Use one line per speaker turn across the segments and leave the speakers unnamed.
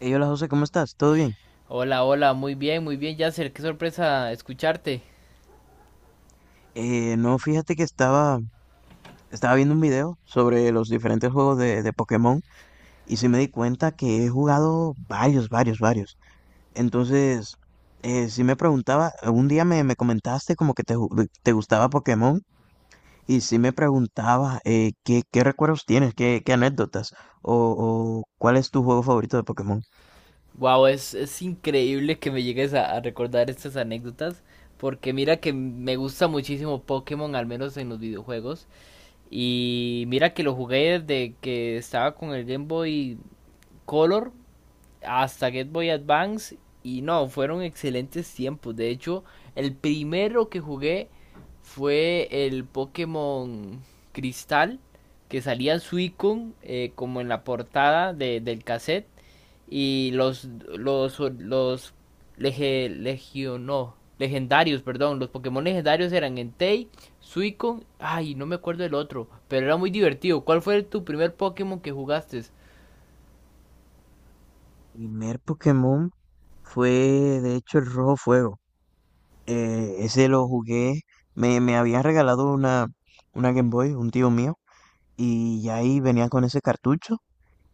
Hey, hola José, ¿cómo estás? ¿Todo bien?
Hola, hola, muy bien, Yasser, qué sorpresa escucharte.
No, fíjate que estaba viendo un video sobre los diferentes juegos de Pokémon y sí me di cuenta que he jugado varios. Entonces, sí me preguntaba, un día me comentaste como que te gustaba Pokémon y sí me preguntaba qué recuerdos tienes, qué anécdotas o cuál es tu juego favorito de Pokémon?
Wow, es increíble que me llegues a recordar estas anécdotas, porque mira que me gusta muchísimo Pokémon, al menos en los videojuegos, y mira que lo jugué desde que estaba con el Game Boy Color hasta Get Boy Advance y no, fueron excelentes tiempos. De hecho, el primero que jugué fue el Pokémon Cristal, que salía Suicune como en la portada del cassette y los lege- legio- no, legendarios, perdón, los Pokémon legendarios eran Entei, Suicune, ay, no me acuerdo del otro, pero era muy divertido. ¿Cuál fue tu primer Pokémon que jugaste?
Primer Pokémon fue de hecho el Rojo Fuego. Ese lo jugué, me había regalado una Game Boy, un tío mío, y ya ahí venía con ese cartucho,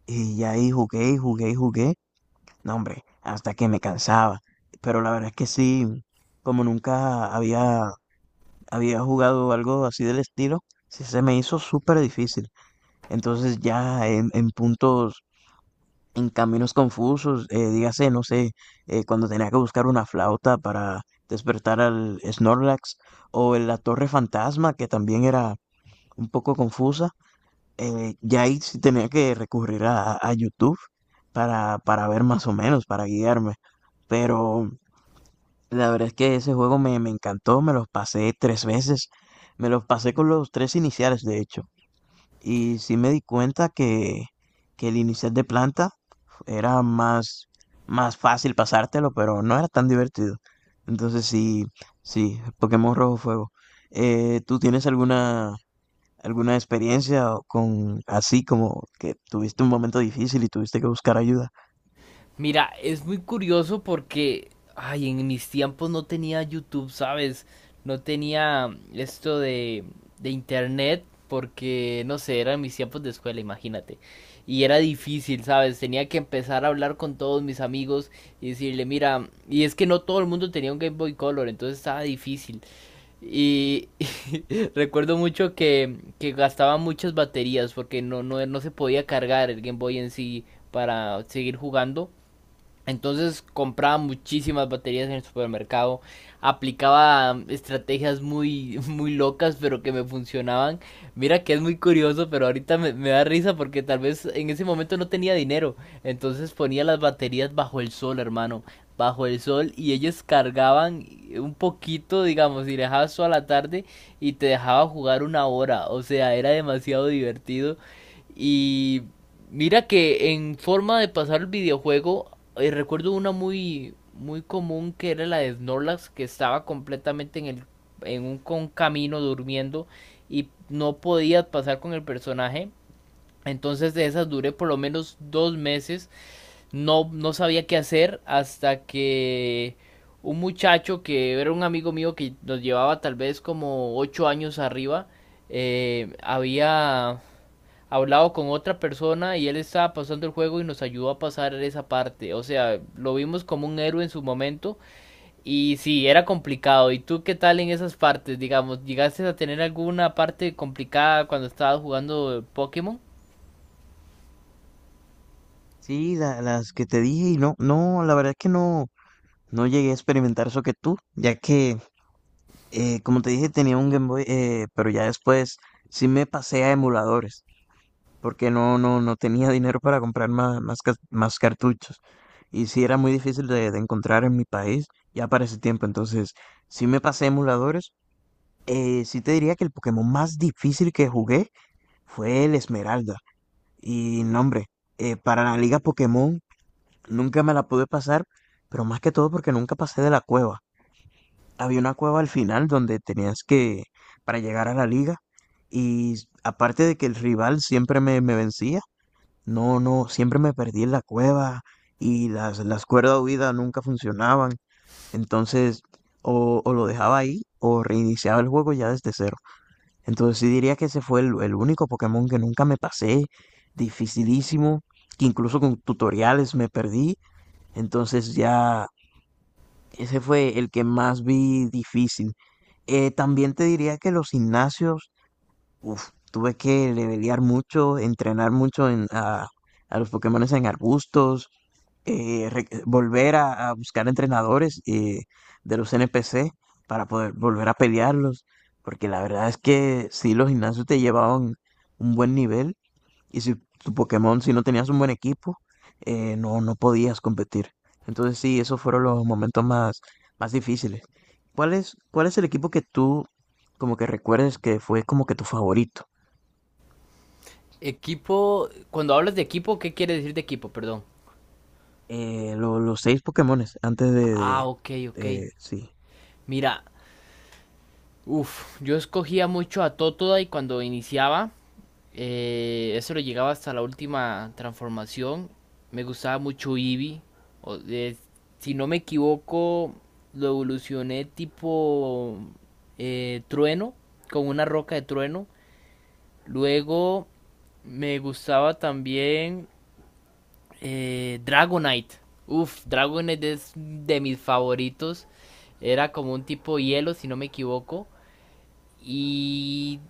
y ya ahí jugué y jugué y jugué. No, hombre, hasta que me cansaba. Pero la verdad es que sí, como nunca había jugado algo así del estilo, sí se me hizo súper difícil. Entonces ya en puntos en caminos confusos, dígase, no sé, cuando tenía que buscar una flauta para despertar al Snorlax, o en la Torre Fantasma, que también era un poco confusa, ya ahí sí tenía que recurrir a YouTube para ver más o menos, para guiarme. Pero la verdad es que ese juego me encantó, me los pasé tres veces, me los pasé con los tres iniciales, de hecho. Y sí me di cuenta que el inicial de planta era más fácil pasártelo, pero no era tan divertido. Entonces sí, sí, Pokémon Rojo Fuego. ¿Tú tienes alguna experiencia con así como que tuviste un momento difícil y tuviste que buscar ayuda?
Mira, es muy curioso porque, ay, en mis tiempos no tenía YouTube, ¿sabes? No tenía esto de internet porque, no sé, eran mis tiempos de escuela, imagínate. Y era difícil, ¿sabes? Tenía que empezar a hablar con todos mis amigos y decirle, mira, y es que no todo el mundo tenía un Game Boy Color, entonces estaba difícil. Y recuerdo mucho que gastaba muchas baterías porque no se podía cargar el Game Boy en sí para seguir jugando entonces compraba muchísimas baterías en el supermercado, aplicaba estrategias muy, muy locas, pero que me funcionaban. Mira que es muy curioso, pero ahorita me da risa porque tal vez en ese momento no tenía dinero. Entonces ponía las baterías bajo el sol, hermano, bajo el sol, y ellas cargaban un poquito, digamos, y dejabas toda la tarde y te dejaba jugar una hora. O sea, era demasiado divertido. Y mira que en forma de pasar el videojuego, recuerdo una muy, muy común que era la de Snorlax, que estaba completamente en en un con camino durmiendo y no podías pasar con el personaje. Entonces de esas duré por lo menos 2 meses. No sabía qué hacer hasta que un muchacho que era un amigo mío que nos llevaba tal vez como 8 años arriba, había hablado con otra persona y él estaba pasando el juego y nos ayudó a pasar esa parte. O sea, lo vimos como un héroe en su momento y sí, era complicado. ¿Y tú qué tal en esas partes? Digamos, ¿llegaste a tener alguna parte complicada cuando estabas jugando Pokémon?
Sí, las que te dije y no, no, la verdad es que no llegué a experimentar eso que tú, ya que, como te dije, tenía un Game Boy, pero ya después sí me pasé a emuladores, porque no tenía dinero para comprar más cartuchos. Y sí era muy difícil de encontrar en mi país, ya para ese tiempo, entonces sí me pasé a emuladores. Sí te diría que el Pokémon más difícil que jugué fue el Esmeralda. Y no, hombre, para la Liga Pokémon nunca me la pude pasar, pero más que todo porque nunca pasé de la cueva. Había una cueva al final donde tenías que, para llegar a la liga, y aparte de que el rival siempre me vencía, no, no, siempre me perdí en la cueva y las cuerdas de huida nunca funcionaban. Entonces, o lo dejaba ahí o reiniciaba el juego ya desde cero. Entonces, sí diría que ese fue el único Pokémon que nunca me pasé, dificilísimo, que incluso con tutoriales me perdí, entonces ya ese fue el que más vi difícil. También te diría que los gimnasios, uf, tuve que levelear mucho, entrenar mucho a los Pokémones en arbustos, volver a buscar entrenadores de los NPC para poder volver a pelearlos, porque la verdad es que sí, los gimnasios te llevaban un buen nivel y si tu Pokémon, si no tenías un buen equipo, no podías competir. Entonces sí, esos fueron los momentos más difíciles. Cuál es el equipo que tú como que recuerdes que fue como que tu favorito?
Equipo, cuando hablas de equipo, ¿qué quiere decir de equipo? Perdón.
Los seis Pokémones antes
Ah, ok, ok.
sí.
Mira, uff, yo escogía mucho a Totodile cuando iniciaba. Eso lo llegaba hasta la última transformación. Me gustaba mucho Eevee. O- eh, si no me equivoco, lo evolucioné tipo trueno, con una roca de trueno. Luego me gustaba también Dragonite. Uf, Dragonite es de mis favoritos. Era como un tipo hielo, si no me equivoco. Y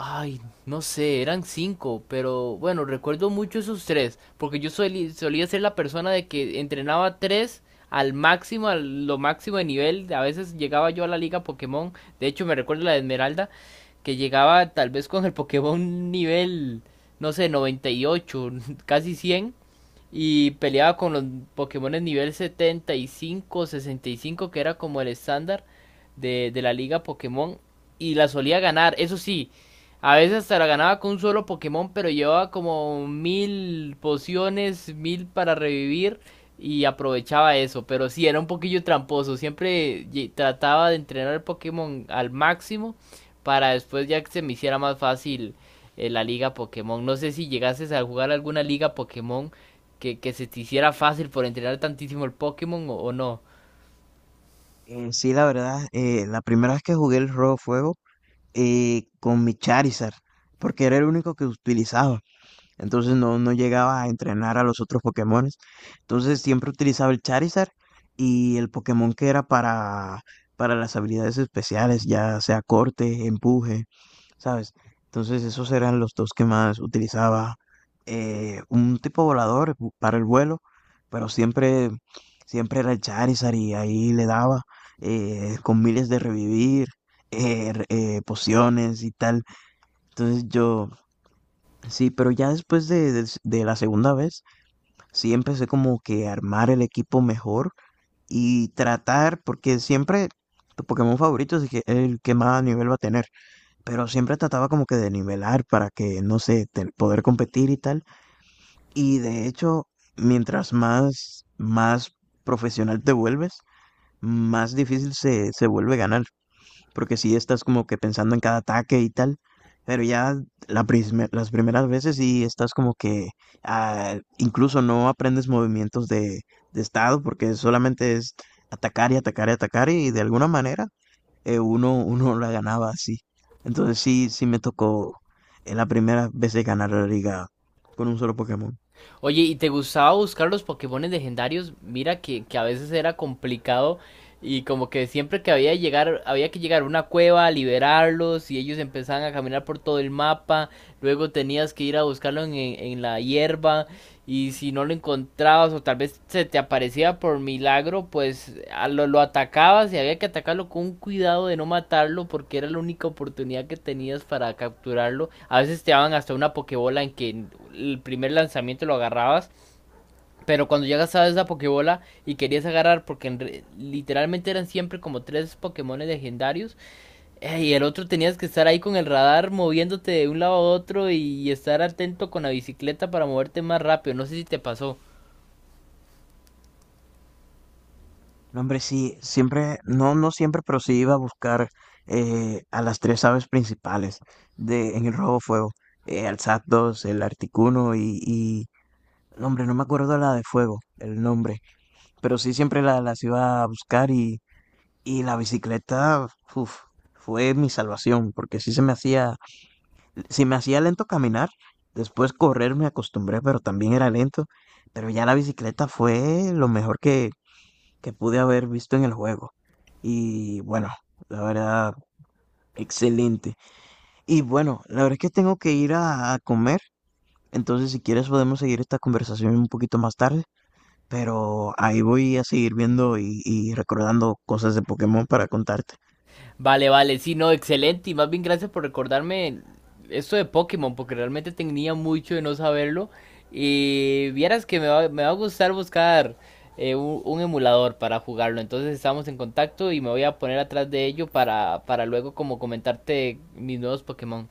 ay, no sé, eran cinco, pero bueno, recuerdo mucho esos tres, porque yo solía ser la persona de que entrenaba tres al máximo, a lo máximo de nivel, a veces llegaba yo a la liga Pokémon, de hecho me recuerdo la de Esmeralda, que llegaba tal vez con el Pokémon nivel, no sé, 98, casi 100, y peleaba con los Pokémon en nivel 75 o 65, que era como el estándar de la liga Pokémon, y la solía ganar, eso sí. A veces hasta la ganaba con un solo Pokémon, pero llevaba como mil pociones, mil para revivir y aprovechaba eso. Pero sí, era un poquillo tramposo. Siempre trataba de entrenar el Pokémon al máximo para después ya que se me hiciera más fácil la liga Pokémon. No sé si llegases a jugar alguna liga Pokémon que se te hiciera fácil por entrenar tantísimo el Pokémon o no.
Sí, la verdad, la primera vez que jugué el Rojo Fuego con mi Charizard, porque era el único que utilizaba. Entonces no llegaba a entrenar a los otros Pokémones. Entonces siempre utilizaba el Charizard y el Pokémon que era para las habilidades especiales, ya sea corte, empuje, ¿sabes? Entonces esos eran los dos que más utilizaba. Un tipo volador para el vuelo, pero siempre era el Charizard y ahí le daba con miles de revivir, pociones y tal. Entonces yo, sí, pero ya después de la segunda vez, sí empecé como que a armar el equipo mejor y tratar, porque siempre tu Pokémon favorito es el que más nivel va a tener, pero siempre trataba como que de nivelar para que, no sé, poder competir y tal. Y de hecho, mientras más profesional te vuelves, más difícil se vuelve ganar porque sí estás como que pensando en cada ataque y tal, pero ya las primeras veces sí estás como que ah, incluso no aprendes movimientos de estado porque solamente es atacar y atacar y atacar y de alguna manera uno la ganaba así. Entonces sí, sí me tocó en la primera vez de ganar la liga con un solo Pokémon.
Oye, ¿y te gustaba buscar los Pokémon legendarios? Mira que a veces era complicado y como que siempre que había, llegar, había que llegar a una cueva a liberarlos y ellos empezaban a caminar por todo el mapa, luego tenías que ir a buscarlos en la hierba. Y si no lo encontrabas o tal vez se te aparecía por milagro, pues a lo atacabas y había que atacarlo con un cuidado de no matarlo porque era la única oportunidad que tenías para capturarlo. A veces te daban hasta una pokebola en que el primer lanzamiento lo agarrabas, pero cuando ya gastabas esa pokebola y querías agarrar porque en literalmente eran siempre como tres pokémones legendarios y el otro tenías que estar ahí con el radar moviéndote de un lado a otro y estar atento con la bicicleta para moverte más rápido. No sé si te pasó.
No, hombre, sí, siempre, no siempre, pero sí iba a buscar a las tres aves principales en el robo fuego, al Zapdos, el Articuno no, hombre, no me acuerdo la de fuego, el nombre, pero sí siempre las iba a buscar y la bicicleta, uf, fue mi salvación, porque sí se me hacía, si me hacía lento caminar, después correr me acostumbré, pero también era lento, pero ya la bicicleta fue lo mejor que pude haber visto en el juego. Y bueno, la verdad, excelente. Y bueno, la verdad es que tengo que ir a comer. Entonces, si quieres, podemos seguir esta conversación un poquito más tarde. Pero ahí voy a seguir viendo y recordando cosas de Pokémon para contarte.
Vale, vale, sí, no, excelente. Y más bien gracias por recordarme esto de Pokémon, porque realmente tenía mucho de no saberlo. Y vieras que me va a gustar buscar un emulador para jugarlo. Entonces estamos en contacto y me voy a poner atrás de ello para luego como comentarte mis nuevos Pokémon.